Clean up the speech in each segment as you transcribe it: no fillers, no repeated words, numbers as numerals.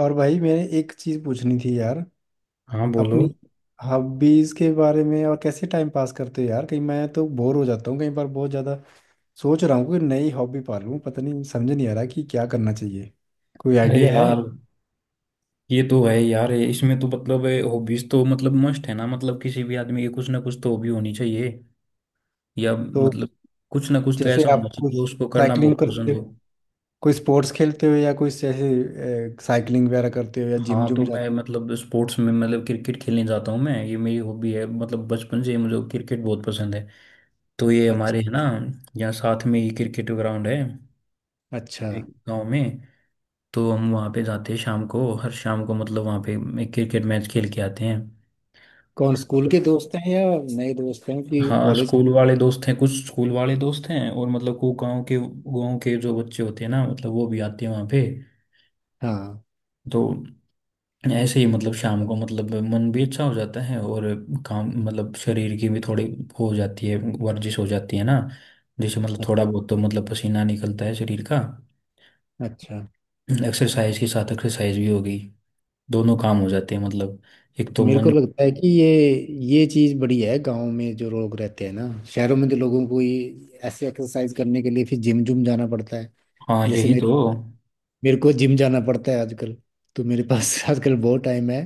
और भाई मैंने एक चीज़ पूछनी थी यार, हाँ, बोलो। अपनी हॉबीज़ के बारे में। और कैसे टाइम पास करते हो यार, कहीं मैं तो बोर हो जाता हूँ कई बार बहुत ज़्यादा। सोच रहा हूँ कोई नई हॉबी पालूँ, पता नहीं, समझ नहीं आ रहा कि क्या करना चाहिए। कोई अरे आइडिया है? यार ये तो है यार, इसमें तो मतलब हॉबीज तो मतलब मस्ट है ना, मतलब किसी भी आदमी की कुछ ना कुछ तो हॉबी होनी चाहिए या तो मतलब कुछ ना कुछ तो जैसे ऐसा होना आप चाहिए कुछ जो उसको करना साइकिलिंग बहुत पसंद करते हो। हो, कोई स्पोर्ट्स खेलते हो, या कोई जैसे साइकिलिंग वगैरह करते हो या जिम हाँ, तो जुम जाते मैं मतलब स्पोर्ट्स में मतलब क्रिकेट खेलने जाता हूँ। मैं, ये मेरी हॉबी है, मतलब बचपन से ही मुझे क्रिकेट बहुत पसंद है। तो ये हो? अच्छा, हमारे है ना, यहाँ साथ में ये क्रिकेट ग्राउंड है अच्छा। एक गाँव में। तो हम वहाँ पे जाते हैं शाम को, हर शाम को मतलब वहाँ पे क्रिकेट मैच खेल के आते हैं। कौन स्कूल के दोस्त हैं या नए दोस्त हैं कि हाँ, कॉलेज? स्कूल वाले दोस्त हैं, कुछ स्कूल वाले दोस्त हैं और मतलब को गांव के जो बच्चे होते हैं ना, मतलब वो भी आते हैं वहाँ पे। हाँ। तो ऐसे ही मतलब शाम को मतलब मन भी अच्छा हो जाता है और काम मतलब शरीर की भी थोड़ी हो जाती है, वर्जिश हो जाती है ना। जैसे मतलब अ- थोड़ा बहुत तो मतलब पसीना निकलता है शरीर का, अच्छा। एक्सरसाइज के साथ एक्सरसाइज भी होगी। दोनों काम हो जाते हैं, मतलब एक तो मेरे को मन। लगता है कि ये चीज़ बड़ी है, गांव में जो लोग रहते हैं ना, शहरों में तो लोगों को ये ऐसे एक्सरसाइज करने के लिए फिर जिम जुम जाना पड़ता है। हाँ, जैसे यही मेरे तो। मेरे को जिम जाना पड़ता है आजकल। तो मेरे पास आजकल बहुत टाइम है,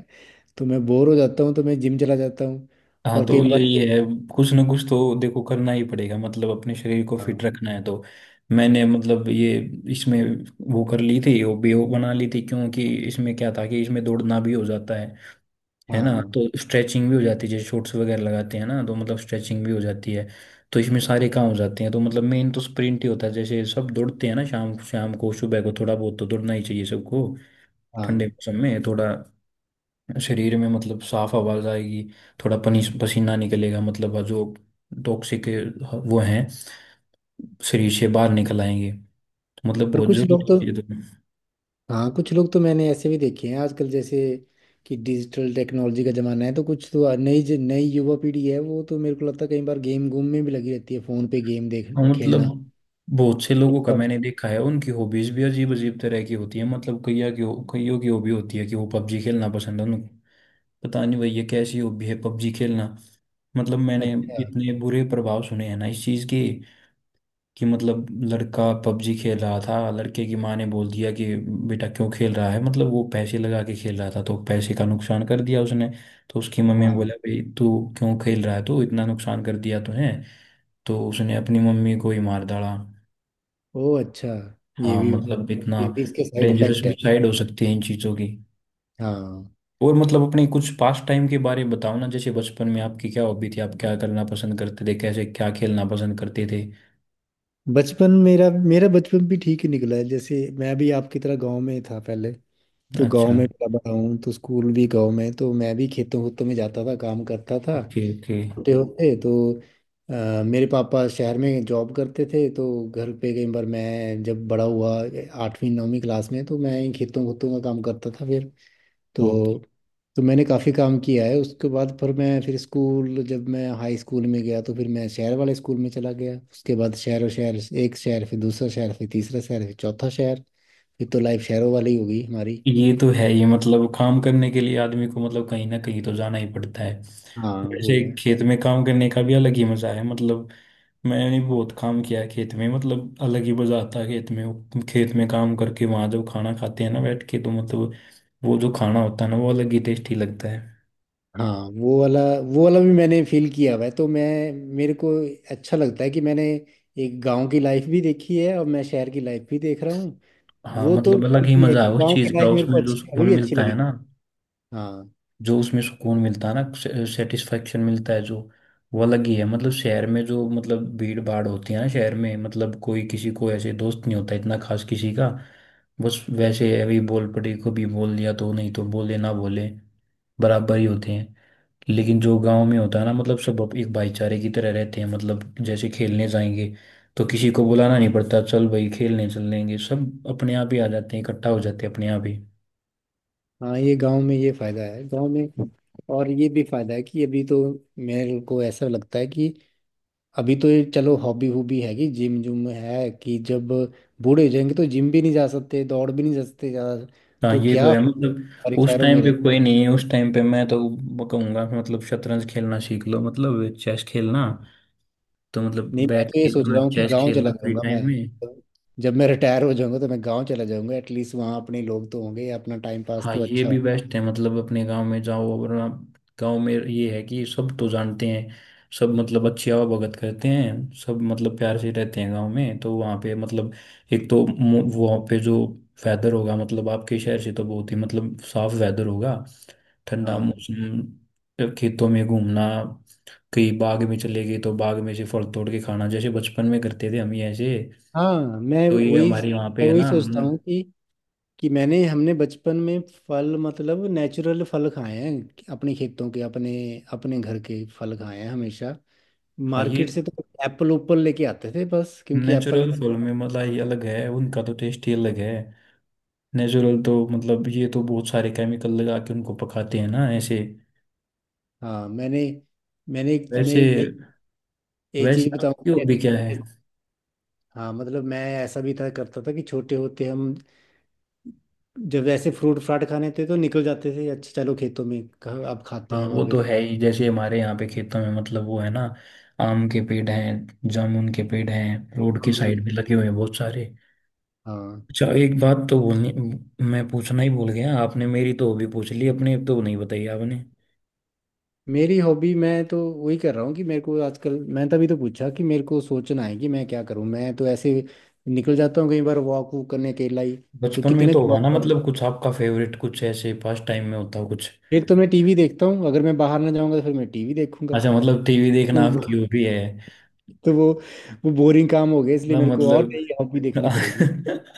तो मैं बोर हो जाता हूँ तो मैं जिम चला जाता हूँ। हाँ, और कई तो बार यही है। कुछ ना कुछ तो देखो करना ही पड़ेगा मतलब अपने शरीर को फिट हाँ। रखना है तो। मैंने मतलब ये इसमें वो कर ली थी, हॉबी वो बना ली थी क्योंकि इसमें क्या था कि इसमें दौड़ना भी हो जाता है ना। हाँ, तो स्ट्रेचिंग भी हो जाती है, जैसे शॉर्ट्स वगैरह लगाते हैं ना, तो मतलब स्ट्रेचिंग भी हो जाती है। तो इसमें सारे काम हो जाते हैं। तो मतलब मेन तो स्प्रिंट ही होता है, जैसे सब दौड़ते हैं ना, शाम शाम को सुबह को थोड़ा बहुत तो दौड़ना ही चाहिए सबको। हाँ। ठंडे मौसम में थोड़ा शरीर में मतलब साफ आवाज आएगी, थोड़ा पनी पसीना निकलेगा, मतलब जो टॉक्सिक वो हैं शरीर से बाहर निकल आएंगे। तो मतलब पर बहुत कुछ जरूरी लोग तो, है ये तो। हाँ, कुछ लोग तो मैंने ऐसे भी देखे हैं आजकल, जैसे कि डिजिटल टेक्नोलॉजी का ज़माना है, तो कुछ तो नई नई युवा पीढ़ी है, वो तो मेरे को लगता है कई बार गेम गूम में भी लगी रहती है, फ़ोन पे गेम हाँ, देख खेलना। मतलब बहुत से लोगों का मैंने देखा है, उनकी हॉबीज भी अजीब अजीब तरह की होती है मतलब कईयों की हॉबी होती है कि वो पबजी खेलना पसंद है उनको। पता नहीं भाई ये कैसी हॉबी है, पबजी खेलना। मतलब मैंने अच्छा। इतने बुरे प्रभाव सुने हैं ना इस चीज के कि मतलब लड़का पबजी खेल रहा था, लड़के की माँ ने बोल दिया कि बेटा क्यों खेल रहा है, मतलब वो पैसे लगा के खेल रहा था तो पैसे का नुकसान कर दिया उसने। तो उसकी मम्मी ने हाँ। बोला भाई तू क्यों खेल रहा है, तू इतना नुकसान कर दिया तूने। तो उसने अपनी मम्मी को ही मार डाला। ओ अच्छा। ये हाँ, भी, मतलब इतना ये भी इसके साइड डेंजरस इफेक्ट भी है। साइड हो सकती है इन चीज़ों की। हाँ। और मतलब अपने कुछ पास टाइम के बारे में बताओ ना, जैसे बचपन में आपकी क्या हॉबी थी, आप क्या करना पसंद करते थे, कैसे क्या खेलना पसंद करते थे। बचपन, मेरा मेरा बचपन भी ठीक ही निकला है। जैसे मैं भी आपकी तरह गांव में था पहले। तो गांव अच्छा। में बड़ा बड़ा हूँ तो स्कूल भी गांव में, तो मैं भी खेतों खूतों में जाता था, काम करता था। ओके। छोटे होते तो मेरे पापा शहर में जॉब करते थे, तो घर पे कई बार, मैं जब बड़ा हुआ आठवीं नौवीं क्लास में, तो मैं ही खेतों खूतों का काम करता था फिर। ओके। तो तो मैंने काफ़ी काम किया है। उसके बाद फिर मैं, फिर स्कूल, जब मैं हाई स्कूल में गया तो फिर मैं शहर वाले स्कूल में चला गया। उसके बाद शहर और शहर, एक शहर फिर दूसरा शहर फिर तीसरा शहर फिर चौथा शहर, फिर तो लाइफ शहरों वाली हो गई हमारी। ये तो है, ये मतलब काम करने के लिए आदमी को मतलब कहीं ना कहीं तो जाना ही पड़ता है। हाँ वो वैसे है। खेत में काम करने का भी अलग ही मजा है, मतलब मैंने बहुत काम किया है खेत में। मतलब अलग ही मजा आता है खेत में खेत में काम करके, वहां जो खाना खाते हैं ना बैठ के, तो मतलब वो जो खाना होता है ना वो अलग ही टेस्टी लगता है। हाँ। वो वाला वो वाला भी मैंने फील किया हुआ है। तो मैं मेरे को अच्छा लगता है कि मैंने एक गांव की लाइफ भी देखी है और मैं शहर की लाइफ भी देख रहा हूँ। हाँ, वो तो, मतलब अलग ही ये है मजा कि है उस गांव चीज की का, लाइफ मेरे को उसमें अच्छी जो अभी सुकून भी अच्छी मिलता है लगी। ना, हाँ। जो उसमें सुकून मिलता है ना, सेटिस्फेक्शन मिलता है जो, वो अलग ही है। मतलब शहर में जो मतलब भीड़ भाड़ होती है ना शहर में, मतलब कोई किसी को ऐसे दोस्त नहीं होता इतना खास किसी का। बस वैसे है, अभी बोल पड़े को भी बोल दिया तो नहीं तो बोले ना बोले बराबर ही होते हैं। लेकिन जो गांव में होता है ना, मतलब सब एक भाईचारे की तरह रहते हैं। मतलब जैसे खेलने जाएंगे तो किसी को बुलाना नहीं पड़ता, चल भाई खेलने चल लेंगे, सब अपने आप ही आ जाते हैं, इकट्ठा हो जाते हैं अपने आप ही। हाँ, ये गांव में, ये फायदा है गांव में। और ये भी फायदा है कि अभी तो, मेरे को ऐसा लगता है कि अभी तो ये चलो हॉबी हूबी है कि जिम जुम है, कि जब बूढ़े हो जाएंगे तो जिम भी नहीं जा सकते, दौड़ भी नहीं जा सकते ज्यादा। हाँ, तो ये तो क्या है। हमारे मतलब उस शहरों टाइम में पे रहे? कोई नहीं है, उस टाइम पे मैं तो वो कहूंगा कि मतलब शतरंज खेलना सीख लो, मतलब चेस खेलना। तो मतलब नहीं, मैं बैठ तो ये के सोच रहा अपना हूँ कि चेस गांव चला खेलना फ्री जाऊंगा मैं। टाइम में। तो जब मैं रिटायर हो जाऊंगा तो मैं गांव चला जाऊंगा, एटलीस्ट वहाँ अपने लोग तो होंगे, अपना टाइम पास हाँ, तो ये अच्छा भी होगा। बेस्ट है। मतलब अपने गांव में जाओ और गांव में ये है कि सब तो जानते हैं, सब मतलब अच्छी आवाभगत करते हैं, सब मतलब प्यार से रहते हैं गांव में। तो वहाँ पे मतलब एक तो वहाँ पे जो वेदर होगा मतलब आपके शहर से तो बहुत ही मतलब साफ वेदर होगा। ठंडा हाँ। मौसम, खेतों में घूमना, कहीं बाग में चले गए तो बाग में से फल तोड़ के खाना, जैसे बचपन में करते थे हम ये ऐसे। हाँ। तो ये हमारे यहाँ पे मैं है वही ना। सोचता हूँ कि मैंने हमने बचपन में फल, मतलब नेचुरल फल खाए हैं अपने खेतों के, अपने अपने घर के फल खाए हैं हमेशा। हाँ, ये मार्केट से तो एप्पल उप्पल लेके आते थे बस, क्योंकि एप्पल, नेचुरल फल में मतलब ये अलग है, उनका तो टेस्ट ही अलग है। नेचुरल तो मतलब ये तो, बहुत सारे केमिकल लगा के उनको पकाते हैं ना ऐसे। हाँ। मैंने मैंने एक मैं वैसे एक, एक वैसे चीज बताऊँ? आपके भी क्या है। हाँ, मतलब मैं ऐसा भी था, करता था कि छोटे होते हम, जब ऐसे फ्रूट फ्राट खाने थे तो निकल जाते थे, अच्छा चलो खेतों में, कहा, अब खाते हाँ, हैं वहाँ वो पे तो है ही, जैसे हमारे यहाँ पे खेतों में मतलब वो है ना, आम के पेड़ हैं, जामुन के पेड़ हैं, रोड की अमरूद साइड भी के लगे पेड़। हुए हैं बहुत सारे। हाँ। अच्छा, एक बात तो बोलनी, मैं पूछना ही भूल गया, आपने मेरी तो अभी पूछ ली, अपने तो नहीं बताई आपने। मेरी हॉबी, मैं तो वही कर रहा हूँ कि मेरे को आजकल, मैं तभी तो पूछा कि मेरे को सोचना है कि मैं क्या करूँ। मैं तो ऐसे निकल जाता हूँ कई बार वॉक वूक करने अकेला ही। तो बचपन में कितने तो होगा वॉक ना करूँ? मतलब कुछ आपका फेवरेट कुछ ऐसे पास टाइम में होता हो कुछ। फिर तो मैं टीवी देखता हूँ, अगर मैं बाहर ना जाऊँगा तो फिर मैं टीवी देखूंगा अच्छा, मतलब टीवी देखना तो, आपकी हॉबी है। वो बोरिंग काम हो गया, इसलिए ना मेरे को और मतलब नई हॉबी देखनी पड़ेगी।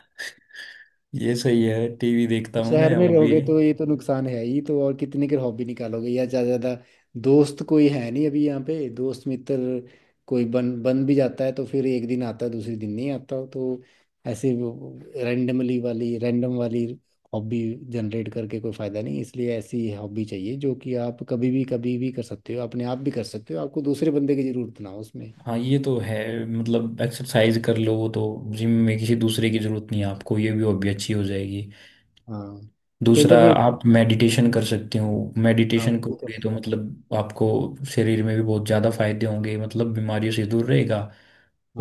ये सही है, टीवी देखता तो हूँ शहर मैं, में वो भी रहोगे है। तो ये तो नुकसान है ही। तो और कितनी कर हॉबी निकालोगे? या ज्यादा ज्यादा दोस्त कोई है नहीं अभी यहाँ पे, दोस्त मित्र कोई बन बन भी जाता है तो फिर एक दिन आता है, दूसरे दिन नहीं आता। तो ऐसे रैंडम वाली हॉबी जनरेट करके कोई फायदा नहीं। इसलिए ऐसी हॉबी चाहिए जो कि आप कभी भी, कभी भी कर सकते हो, अपने आप भी कर सकते हो, आपको दूसरे बंदे की जरूरत ना हो उसमें। हाँ, ये तो है। मतलब एक्सरसाइज कर लो, वो तो जिम में किसी दूसरे की जरूरत नहीं है आपको, ये भी हॉबी अच्छी हो जाएगी। हाँ कई दूसरा, बार मेरे को, आप मेडिटेशन कर सकते हो। हाँ मेडिटेशन वो कर करोगे तो सकते हैं। मतलब आपको शरीर में भी बहुत ज़्यादा फायदे होंगे, मतलब बीमारियों से दूर रहेगा।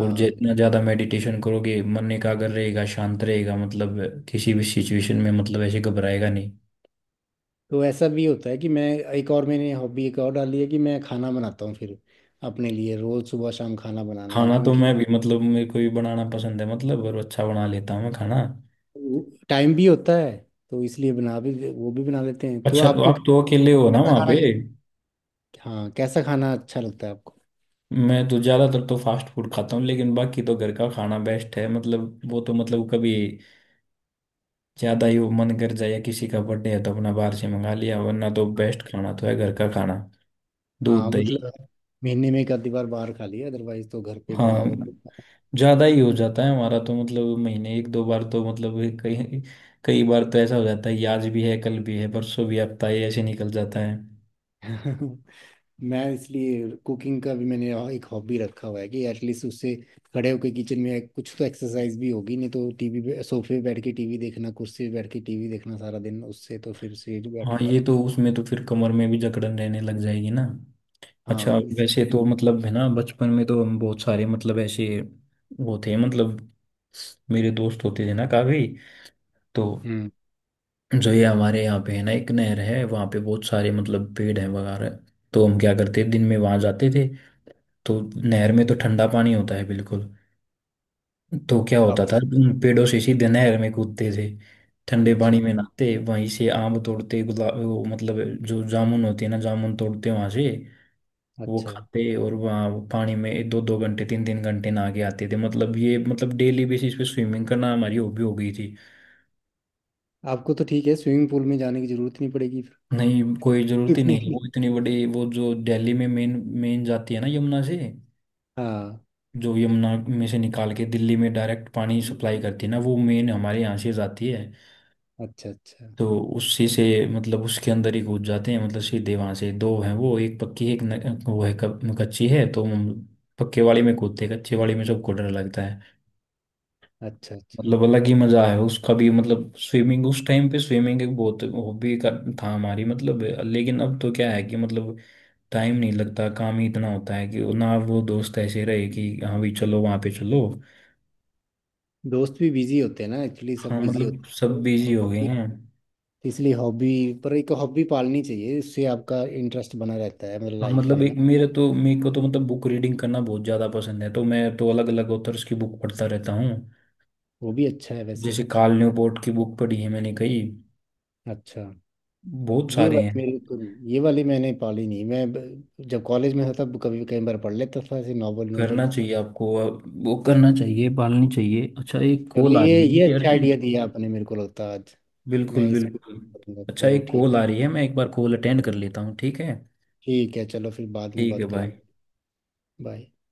और जितना ज़्यादा मेडिटेशन करोगे, मन एकाग्र रहेगा, शांत रहेगा, मतलब किसी भी सिचुएशन में मतलब ऐसे घबराएगा नहीं। तो ऐसा भी होता है कि मैं, एक और मैंने हॉबी एक और डाली है कि मैं खाना बनाता हूँ फिर अपने लिए, रोज सुबह शाम खाना बनाना है खाना तो क्योंकि मैं भी, मतलब मेरे को भी बनाना पसंद है, मतलब और अच्छा बना लेता हूँ मैं खाना। टाइम भी होता है। तो इसलिए बना, भी वो भी बना लेते हैं। तो अच्छा, तो आपको आप तो अकेले हो ना कैसा वहाँ खाना पे। चाहिए, हाँ, कैसा खाना अच्छा लगता है आपको? मैं तो ज्यादातर तो फास्ट फूड खाता हूँ, लेकिन बाकी तो घर का खाना बेस्ट है। मतलब वो तो मतलब कभी ज्यादा ही वो मन कर जाए या किसी का बर्थडे है तो अपना बाहर से मंगा लिया, वरना तो हाँ। बेस्ट खाना तो है घर का खाना। दूध हाँ, दही। मतलब महीने में एक आधी बार बाहर खा लिया, अदरवाइज तो घर पे हाँ, बनाओ। ज्यादा ही हो जाता है हमारा तो, मतलब महीने एक दो बार तो, मतलब कई कई बार तो ऐसा हो जाता है कि आज भी है, कल भी है, परसों भी, हफ्ता ही ऐसे निकल जाता है। मैं इसलिए कुकिंग का भी मैंने एक हॉबी रखा हुआ है कि एटलीस्ट उससे खड़े होकर किचन में कुछ तो एक्सरसाइज भी होगी। नहीं तो टीवी पे, सोफे पे बैठ के टीवी देखना, कुर्सी पे बैठ के टीवी देखना सारा दिन, उससे तो फिर शरीर हाँ, ये बैठेगा। तो उसमें तो फिर कमर में भी जकड़न रहने लग जाएगी ना। अच्छा। हाँ इस, वैसे तो मतलब है ना, बचपन में तो हम बहुत सारे मतलब ऐसे वो थे मतलब, मेरे दोस्त होते थे ना काफी। तो हम्म। जो ये हमारे यहाँ पे है ना, एक नहर है, वहाँ पे बहुत सारे मतलब पेड़ हैं वगैरह। तो हम क्या करते दिन में वहाँ जाते थे। तो नहर में तो ठंडा पानी होता है बिल्कुल। तो क्या तो होता था, आपने, उन पेड़ों से सीधे नहर में कूदते थे, ठंडे पानी अच्छा, में नहाते, वहीं से आम तोड़ते, गुलाब वो मतलब जो जामुन होती है ना, जामुन तोड़ते वहां से, वो अच्छा। खाते। और वहाँ वो पानी में दो दो घंटे, तीन तीन घंटे नहा के आते थे, मतलब ये मतलब डेली बेसिस पे स्विमिंग करना हमारी हॉबी हो गई थी। आपको तो ठीक है, स्विमिंग पूल में जाने की जरूरत नहीं पड़ेगी फिर नहीं, कोई जरूरत ही सीखने नहीं के है। वो लिए। इतनी बड़ी वो जो दिल्ली में मेन मेन जाती है ना यमुना से, हाँ। जो यमुना में से निकाल के दिल्ली में डायरेक्ट पानी सप्लाई करती है ना, वो मेन हमारे यहाँ से जाती है। अच्छा अच्छा। तो उसी से मतलब उसके अंदर ही कूद जाते हैं। मतलब सीधे वहां से, दो हैं वो, एक पक्की है, एक न, वो है कच्ची है। तो हम पक्के वाली में कूदते हैं, कच्चे वाली में सबको डर लगता है। अच्छा अच्छा। मतलब अलग ही मजा है उसका भी, मतलब स्विमिंग उस टाइम पे, स्विमिंग एक बहुत हॉबी का था हमारी मतलब। लेकिन अब तो क्या है कि मतलब टाइम नहीं लगता, काम ही इतना होता है कि ना वो दोस्त ऐसे रहे कि हाँ भाई चलो वहां पे चलो। दोस्त भी बिजी होते हैं ना एक्चुअली, सब हाँ, बिजी मतलब होते सब बिजी हो गए हैं। हैं। इसलिए हॉबी, पर एक हॉबी पालनी चाहिए, इससे आपका इंटरेस्ट बना रहता है मतलब हाँ, लाइफ मतलब में ना। एक मेरे को तो मतलब बुक रीडिंग करना बहुत ज़्यादा पसंद है, तो मैं तो अलग अलग ऑथर्स की बुक पढ़ता रहता हूँ। वो भी अच्छा है जैसे वैसे। कार्ल न्यूपोर्ट की बुक पढ़ी है मैंने कई, अच्छा, बहुत ये सारे वाली हैं। मेरे को, ये वाली मैंने पाली नहीं। मैं जब कॉलेज में था तब कभी, कई बार पढ़ लेता था ऐसे नॉवल करना नूवल। चाहिए आपको, वो करना चाहिए, पालनी चाहिए। अच्छा, एक चलो, कॉल आ रही है ये मुझे अच्छा आइडिया अर्जेंट। दिया आपने, मेरे को लगता है आज बिल्कुल मैं बिल्कुल। इसको करूंगा। अच्छा, चलो एक ठीक कॉल है। आ रही है, मैं एक बार कॉल अटेंड कर लेता हूँ, ठीक है। ठीक है, चलो फिर बाद में ठीक बात है, करेंगे। बाय। बाय।